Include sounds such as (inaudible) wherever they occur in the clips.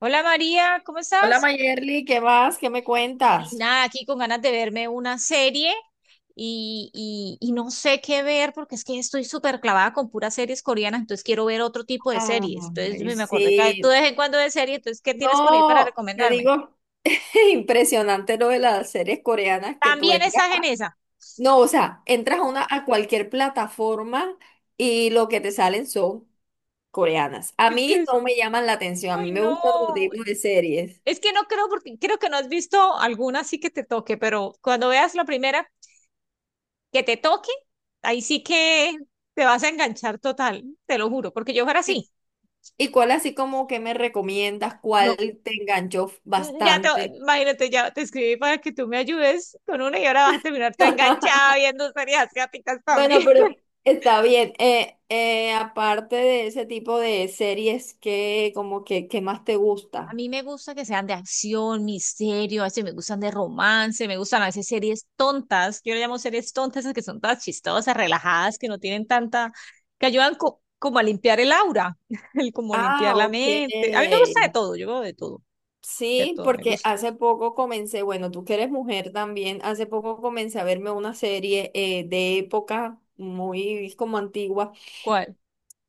Hola María, ¿cómo Hola estás? Mayerly, ¿qué más? ¿Qué me Ay, cuentas? nada, aquí con ganas de verme una serie y no sé qué ver porque es que estoy súper clavada con puras series coreanas, entonces quiero ver otro tipo de series. Entonces Ay, me acordé que tú sí. de vez en cuando ves serie, entonces ¿qué tienes por ahí para No, te recomendarme? digo, (laughs) impresionante lo de las series coreanas que tú También entras. estás en esa. No, o sea, entras a una, a cualquier plataforma y lo que te salen son coreanas. A Es que, mí es- no me llaman la atención, a mí ay me gusta otro no, tipo de series. es que no creo porque creo que no has visto alguna así que te toque, pero cuando veas la primera que te toque, ahí sí que te vas a enganchar total, te lo juro, porque yo fuera ¿Y, así. y cuál así como que me recomiendas? No, ¿Cuál te enganchó Mm, Ya te, bastante? imagínate, ya te escribí para que tú me ayudes con una y ahora vas a terminar todo (laughs) enganchada viendo series asiáticas Bueno, también. pero (laughs) está bien. Aparte de ese tipo de series, ¿qué, como que, qué más te A gusta? mí me gusta que sean de acción, misterio, a veces me gustan de romance, me gustan a veces series tontas. Yo le llamo series tontas, esas que son todas chistosas, relajadas, que no tienen tanta, que ayudan como a limpiar el aura, (laughs) el como limpiar Ah, la ok. mente. A mí me gusta de todo, yo veo de Sí, todo, me porque gusta. hace poco comencé, bueno, tú que eres mujer también, hace poco comencé a verme una serie de época muy como antigua. ¿Cuál?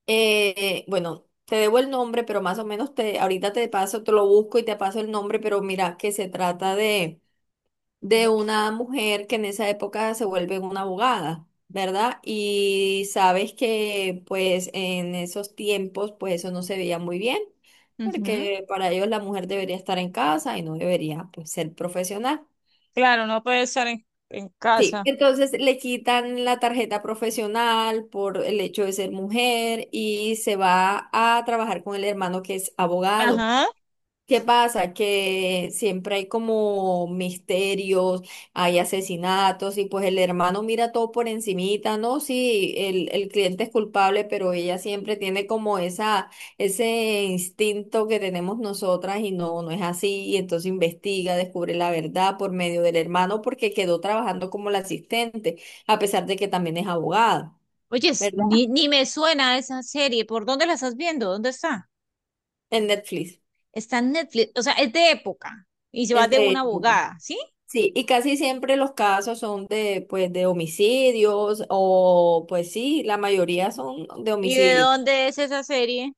Bueno, te debo el nombre, pero más o menos te, ahorita te paso, te lo busco y te paso el nombre, pero mira que se trata de ¿De qué? una mujer que en esa época se vuelve una abogada, ¿verdad? Y sabes que pues en esos tiempos pues eso no se veía muy bien, Ujú. porque para ellos la mujer debería estar en casa y no debería pues ser profesional. Claro, no puede estar en Sí, casa. entonces le quitan la tarjeta profesional por el hecho de ser mujer y se va a trabajar con el hermano que es abogado. Ajá. ¿Qué pasa? Que siempre hay como misterios, hay asesinatos y pues el hermano mira todo por encimita, ¿no? Sí, el cliente es culpable, pero ella siempre tiene como esa, ese instinto que tenemos nosotras y no, no es así. Y entonces investiga, descubre la verdad por medio del hermano porque quedó trabajando como la asistente, a pesar de que también es abogada, Oye, ¿verdad? Ni me suena esa serie. ¿Por dónde la estás viendo? ¿Dónde está? En Netflix. Está en Netflix. O sea, es de época. Y se va Es de de una época. abogada, ¿sí? Sí, y casi siempre los casos son de, pues, de homicidios o, pues sí, la mayoría son de ¿Y de homicidio. dónde es esa serie?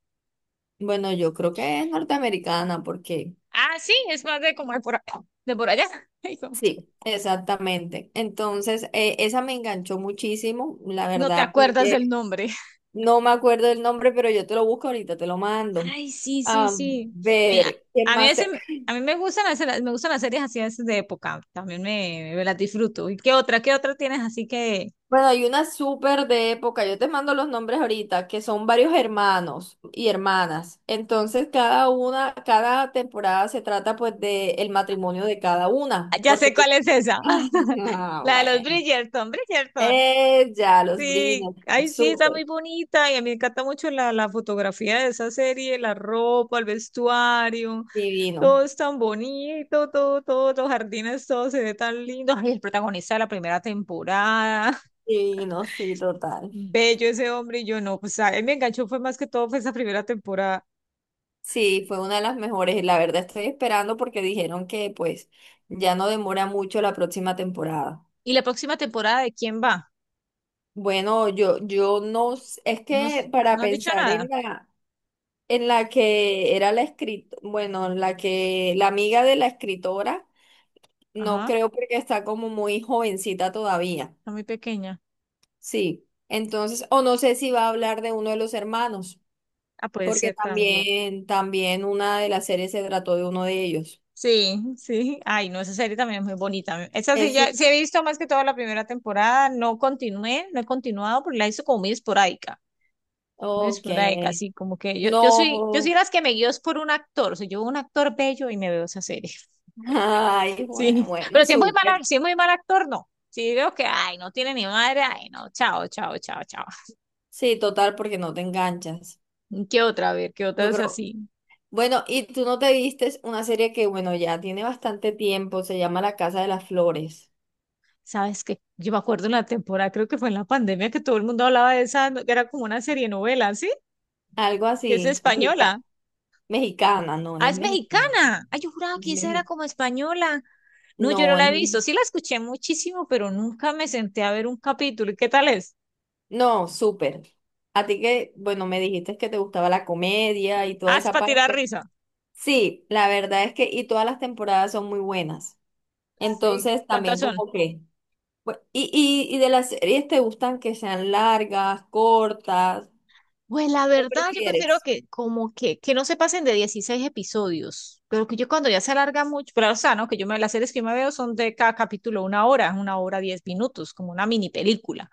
Bueno, yo creo que es norteamericana porque Ah, sí, es más de como de por allá. (laughs) Ay, no sí, exactamente. Entonces, esa me enganchó muchísimo, la no te verdad, acuerdas del porque nombre. no me acuerdo el nombre, pero yo te lo busco ahorita, te lo mando. Ay, sí, sí, A sí. Mira, ver, ¿qué a mí a más veces, te... a mí me gustan me gustan las series así a veces de época. También me las disfruto. ¿Y qué otra? ¿Qué otra tienes? Así que Bueno, hay una súper de época, yo te mando los nombres ahorita, que son varios hermanos y hermanas. Entonces, cada una, cada temporada se trata pues de el matrimonio de cada ah, una, ya porque sé tú... cuál es (laughs) esa. Ay, (laughs) no, La de los bueno. Bridgerton, Bridgerton. Ya, los Sí, Bridgerton, ay, sí, está súper, muy bonita y a mí me encanta mucho la fotografía de esa serie, la ropa, el vestuario, divino, todo es tan bonito, todo, todo, los jardines, todo se ve tan lindo. Ay, el protagonista de la primera temporada, (laughs) divino, sí, total. bello ese hombre y yo no, pues a él me enganchó fue más que todo fue esa primera temporada. Sí, fue una de las mejores. La verdad estoy esperando porque dijeron que pues ya no demora mucho la próxima temporada. ¿Y la próxima temporada de quién va? Bueno, yo no, es No, que para no han dicho pensar en nada. En la que era la escritora, bueno, la amiga de la escritora, no Ajá, creo porque está como muy jovencita todavía. está muy pequeña. Sí. Entonces, o no sé si va a hablar de uno de los hermanos, Ah, puede porque ser también. también, también una de las series se trató de uno de ellos. Sí, sí. Ay, no, esa serie también es muy bonita. Esa sí, Eso, ya sí he visto más que toda la primera temporada. No continué, no he continuado, porque la hizo como muy esporádica. Muy ok. esporádica, así como que yo soy No. las que me guío es por un actor. O sea, yo veo un actor bello y me veo esa serie. (laughs) (laughs) Ay, bueno, Sí. bueno, Pero si es muy súper. mal, si es muy mal actor, no. Si veo que, ay, no tiene ni madre, ay, no, chao, chao, chao, chao. Sí, total, porque no te enganchas. ¿Qué otra? A ver, ¿qué otra Yo es creo, así? bueno, y tú no te vistes una serie que, bueno, ya tiene bastante tiempo, se llama La Casa de las Flores, Sabes que yo me acuerdo en la temporada, creo que fue en la pandemia, que todo el mundo hablaba de esa, que era como una serie novela, ¿sí? algo Que es así, española. Mexicana, no Ah, es es mexicana, mexicana. Ay, yo juraba es que esa era mexi- como española. No, yo no no la es he visto. mexi- Sí la escuché muchísimo, pero nunca me senté a ver un capítulo. ¿Y qué tal es? no, súper. A ti que, bueno, me dijiste que te gustaba la comedia y toda Ah, es esa para tirar parte. risa. Sí, la verdad es que, y todas las temporadas son muy buenas. Sí. Entonces, ¿Cuántas también son? como que, bu- y, y de las series te gustan que sean largas, cortas, Pues la ¿qué verdad, yo prefiero prefieres? que como que no se pasen de 16 episodios. Pero que yo cuando ya se alarga mucho, pero o sea, ¿no? Que yo me las series que yo me veo son de cada capítulo una hora, 10 minutos, como una mini película.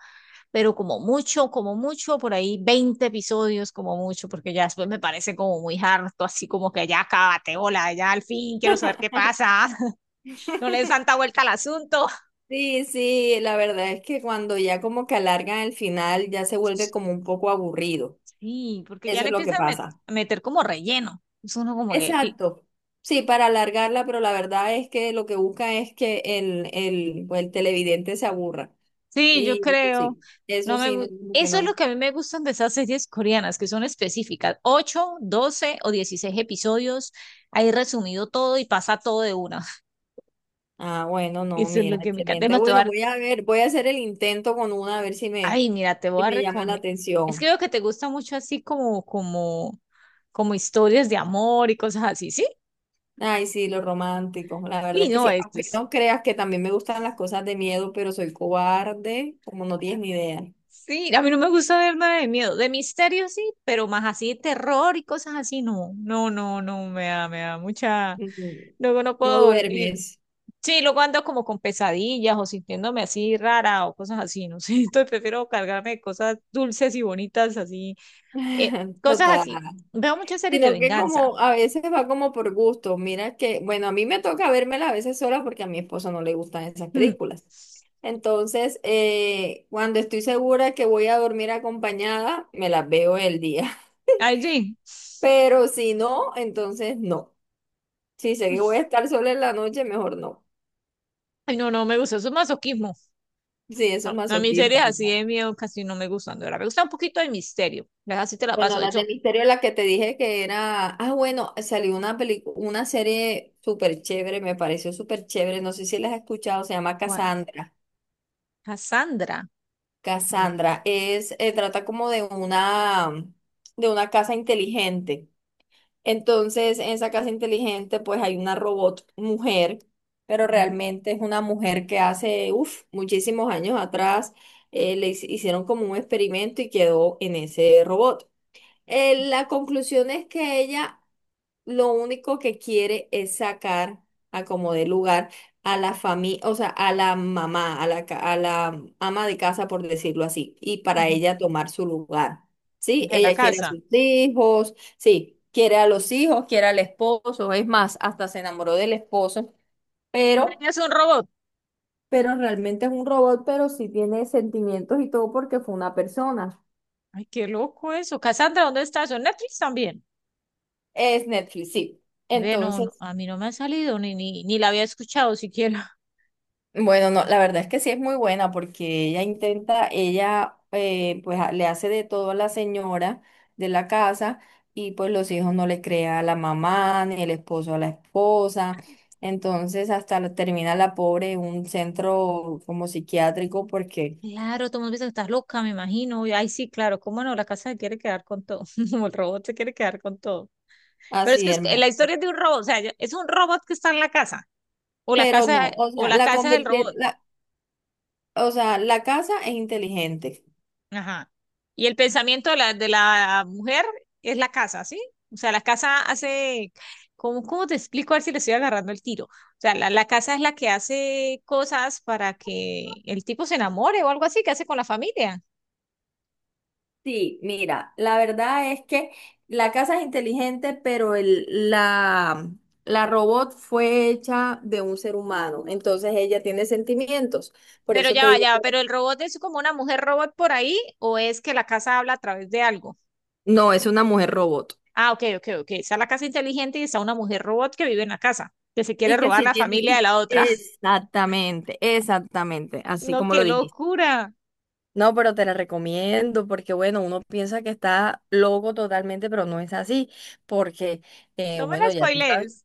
Pero como mucho, por ahí 20 episodios, como mucho, porque ya después me parece como muy harto, así como que ya acábate, hola, ya al fin quiero saber qué pasa, (laughs) no le des (laughs) tanta vuelta al asunto. Sí, sí, la verdad es que cuando ya como que alargan el final, ya se vuelve como un poco aburrido. Sí, porque ya Eso le es lo que empieza a, met pasa. a meter como relleno. Es uno como que, pi- Exacto. Sí, para alargarla, pero la verdad es que lo que buscan es que pues, el televidente se aburra. sí, yo Y creo, no eso me... sí, no, gu- como que eso es lo no. que a mí me gustan de esas series coreanas, que son específicas, 8, 12 o 16 episodios, ahí resumido todo y pasa todo de una. Ah, (laughs) bueno, no, Eso es mira, lo que me encanta. excelente. Además, te voy Bueno, a voy a ver, voy a hacer el intento con una, a ver Ay, mira, te si voy a me llama la recomendar. Es que atención. veo que te gusta mucho así como historias de amor y cosas así, ¿sí? Ay, sí, los románticos, la verdad Sí, es que no, sí. Aunque no creas que también me gustan las cosas de miedo, pero soy cobarde, como no tienes ni idea. sí, a mí no me gusta ver nada de miedo, de misterio sí, pero más así de terror y cosas así, no, no, no, no, me da mucha, Ujú. luego no No puedo dormir. duermes. Sí, luego ando como con pesadillas o sintiéndome así rara o cosas así, no sé, (laughs) entonces prefiero cargarme de cosas dulces y bonitas así, eh, (laughs) cosas Total. así. Veo muchas series de Sino que venganza. como a veces va como por gusto. Mira que, bueno, a mí me toca vérmela a veces sola porque a mi esposo no le gustan esas películas. (laughs) Entonces, cuando estoy segura que voy a dormir acompañada, me las veo el día. Ay, sí. (laughs) Pero si no, entonces no. Si sé que voy a estar sola en la noche, mejor no. Ay, no, no me gusta, eso es masoquismo. Sí, eso es No, a mí series masoquismo. así de miedo casi no me gustan, de verdad. Me gusta un poquito de misterio. Ya así te la paso. Bueno, De las de hecho, misterio, la que te dije que era, ah, bueno, salió una película, una serie súper chévere, me pareció súper chévere, no sé si las has escuchado, se llama ¿cuál? Cassandra. Cassandra. Mm, Cassandra es, trata como de una casa inteligente. Entonces, en esa casa inteligente, pues hay una robot mujer, pero ujú, realmente es una mujer que hace, uff, muchísimos años atrás, hicieron como un experimento y quedó en ese robot. La conclusión es que ella lo único que quiere es sacar a como de lugar a la familia, o sea, a la mamá, a la ama de casa, por decirlo así, y para ajá. ella tomar su lugar. Sí, De la ella quiere a casa. sus hijos, sí, quiere a los hijos, quiere al esposo, es más, hasta se enamoró del esposo, Pero pero, ella es un robot. pero realmente es un robot, pero sí tiene sentimientos y todo porque fue una persona. Ay, qué loco eso. Cassandra, ¿dónde está eso? ¿En Netflix también? Es Netflix, sí. Ve, no, no, Entonces a mí no me ha salido, ni, ni, ni la había escuchado siquiera. (laughs) bueno, no, la verdad es que sí es muy buena porque ella intenta, ella pues le hace de todo a la señora de la casa y pues los hijos no le crea a la mamá ni el esposo a la esposa. Entonces termina la pobre en un centro como psiquiátrico porque Claro, todo el mundo piensa que estás loca, me imagino. Y, ay, sí, claro, cómo no, la casa se quiere quedar con todo. (laughs) Como el robot se quiere quedar con todo. Pero es así, que la hermano. historia es de un robot, o sea, es un robot que está en la casa. O la Pero casa, no, o o sea, la casa es el robot. O sea, la casa es inteligente. Ajá. Y el pensamiento de de la mujer es la casa, ¿sí? O sea, la casa hace, ¿cómo, cómo te explico? A ver si le estoy agarrando el tiro. O sea, la casa es la que hace cosas para que el tipo se enamore o algo así que hace con la familia. Sí, mira, la verdad es que la casa es inteligente, pero la robot fue hecha de un ser humano, entonces ella tiene sentimientos. Por Pero eso te digo, ya va, que pero el robot es como una mujer robot por ahí o es que la casa habla a través de algo. no, es una mujer robot. Ah, ok, ok, ok. Está la casa inteligente y está una mujer robot que vive en la casa, que se quiere Y que robar sí la tiene, familia de la otra. (laughs) exactamente, exactamente, así No, como lo qué dijiste. locura. No, pero te la recomiendo porque, bueno, uno piensa que está loco totalmente, pero no es así, porque, No me la bueno, ya tú sabes. spoilees.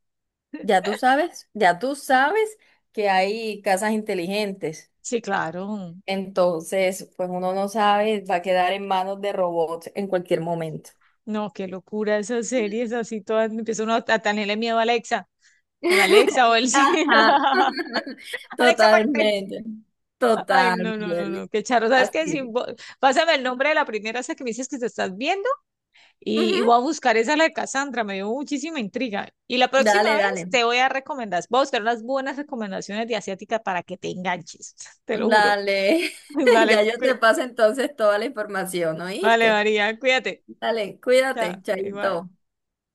Ya tú sabes, ya tú sabes que hay casas inteligentes. Sí, claro. Entonces, pues uno no sabe, va a quedar en manos de robots en cualquier momento. No, qué locura esas series así todas. Empieza uno a tenerle miedo a Alexa, a la Alexa o el (laughs) sí. Ajá. (laughs) (laughs) Alexa, apágate. Totalmente. Ay, Total, no, no, no, no, Mieli. qué charro. ¿Sabes qué? Así Si es. Pásame el nombre de la primera esa que me dices que te estás viendo y Ujú. voy a buscar esa la de Cassandra. Me dio muchísima intriga. Y la próxima Dale, vez dale. te voy a recomendar, voy a buscar unas buenas recomendaciones de asiática para que te enganches. (laughs) Te lo juro. Dale. (laughs) (laughs) Ya Vale, yo te cuí- paso entonces toda la información, vale, ¿oíste? María, cuídate. Dale, Chao, cuídate, igual. chaito.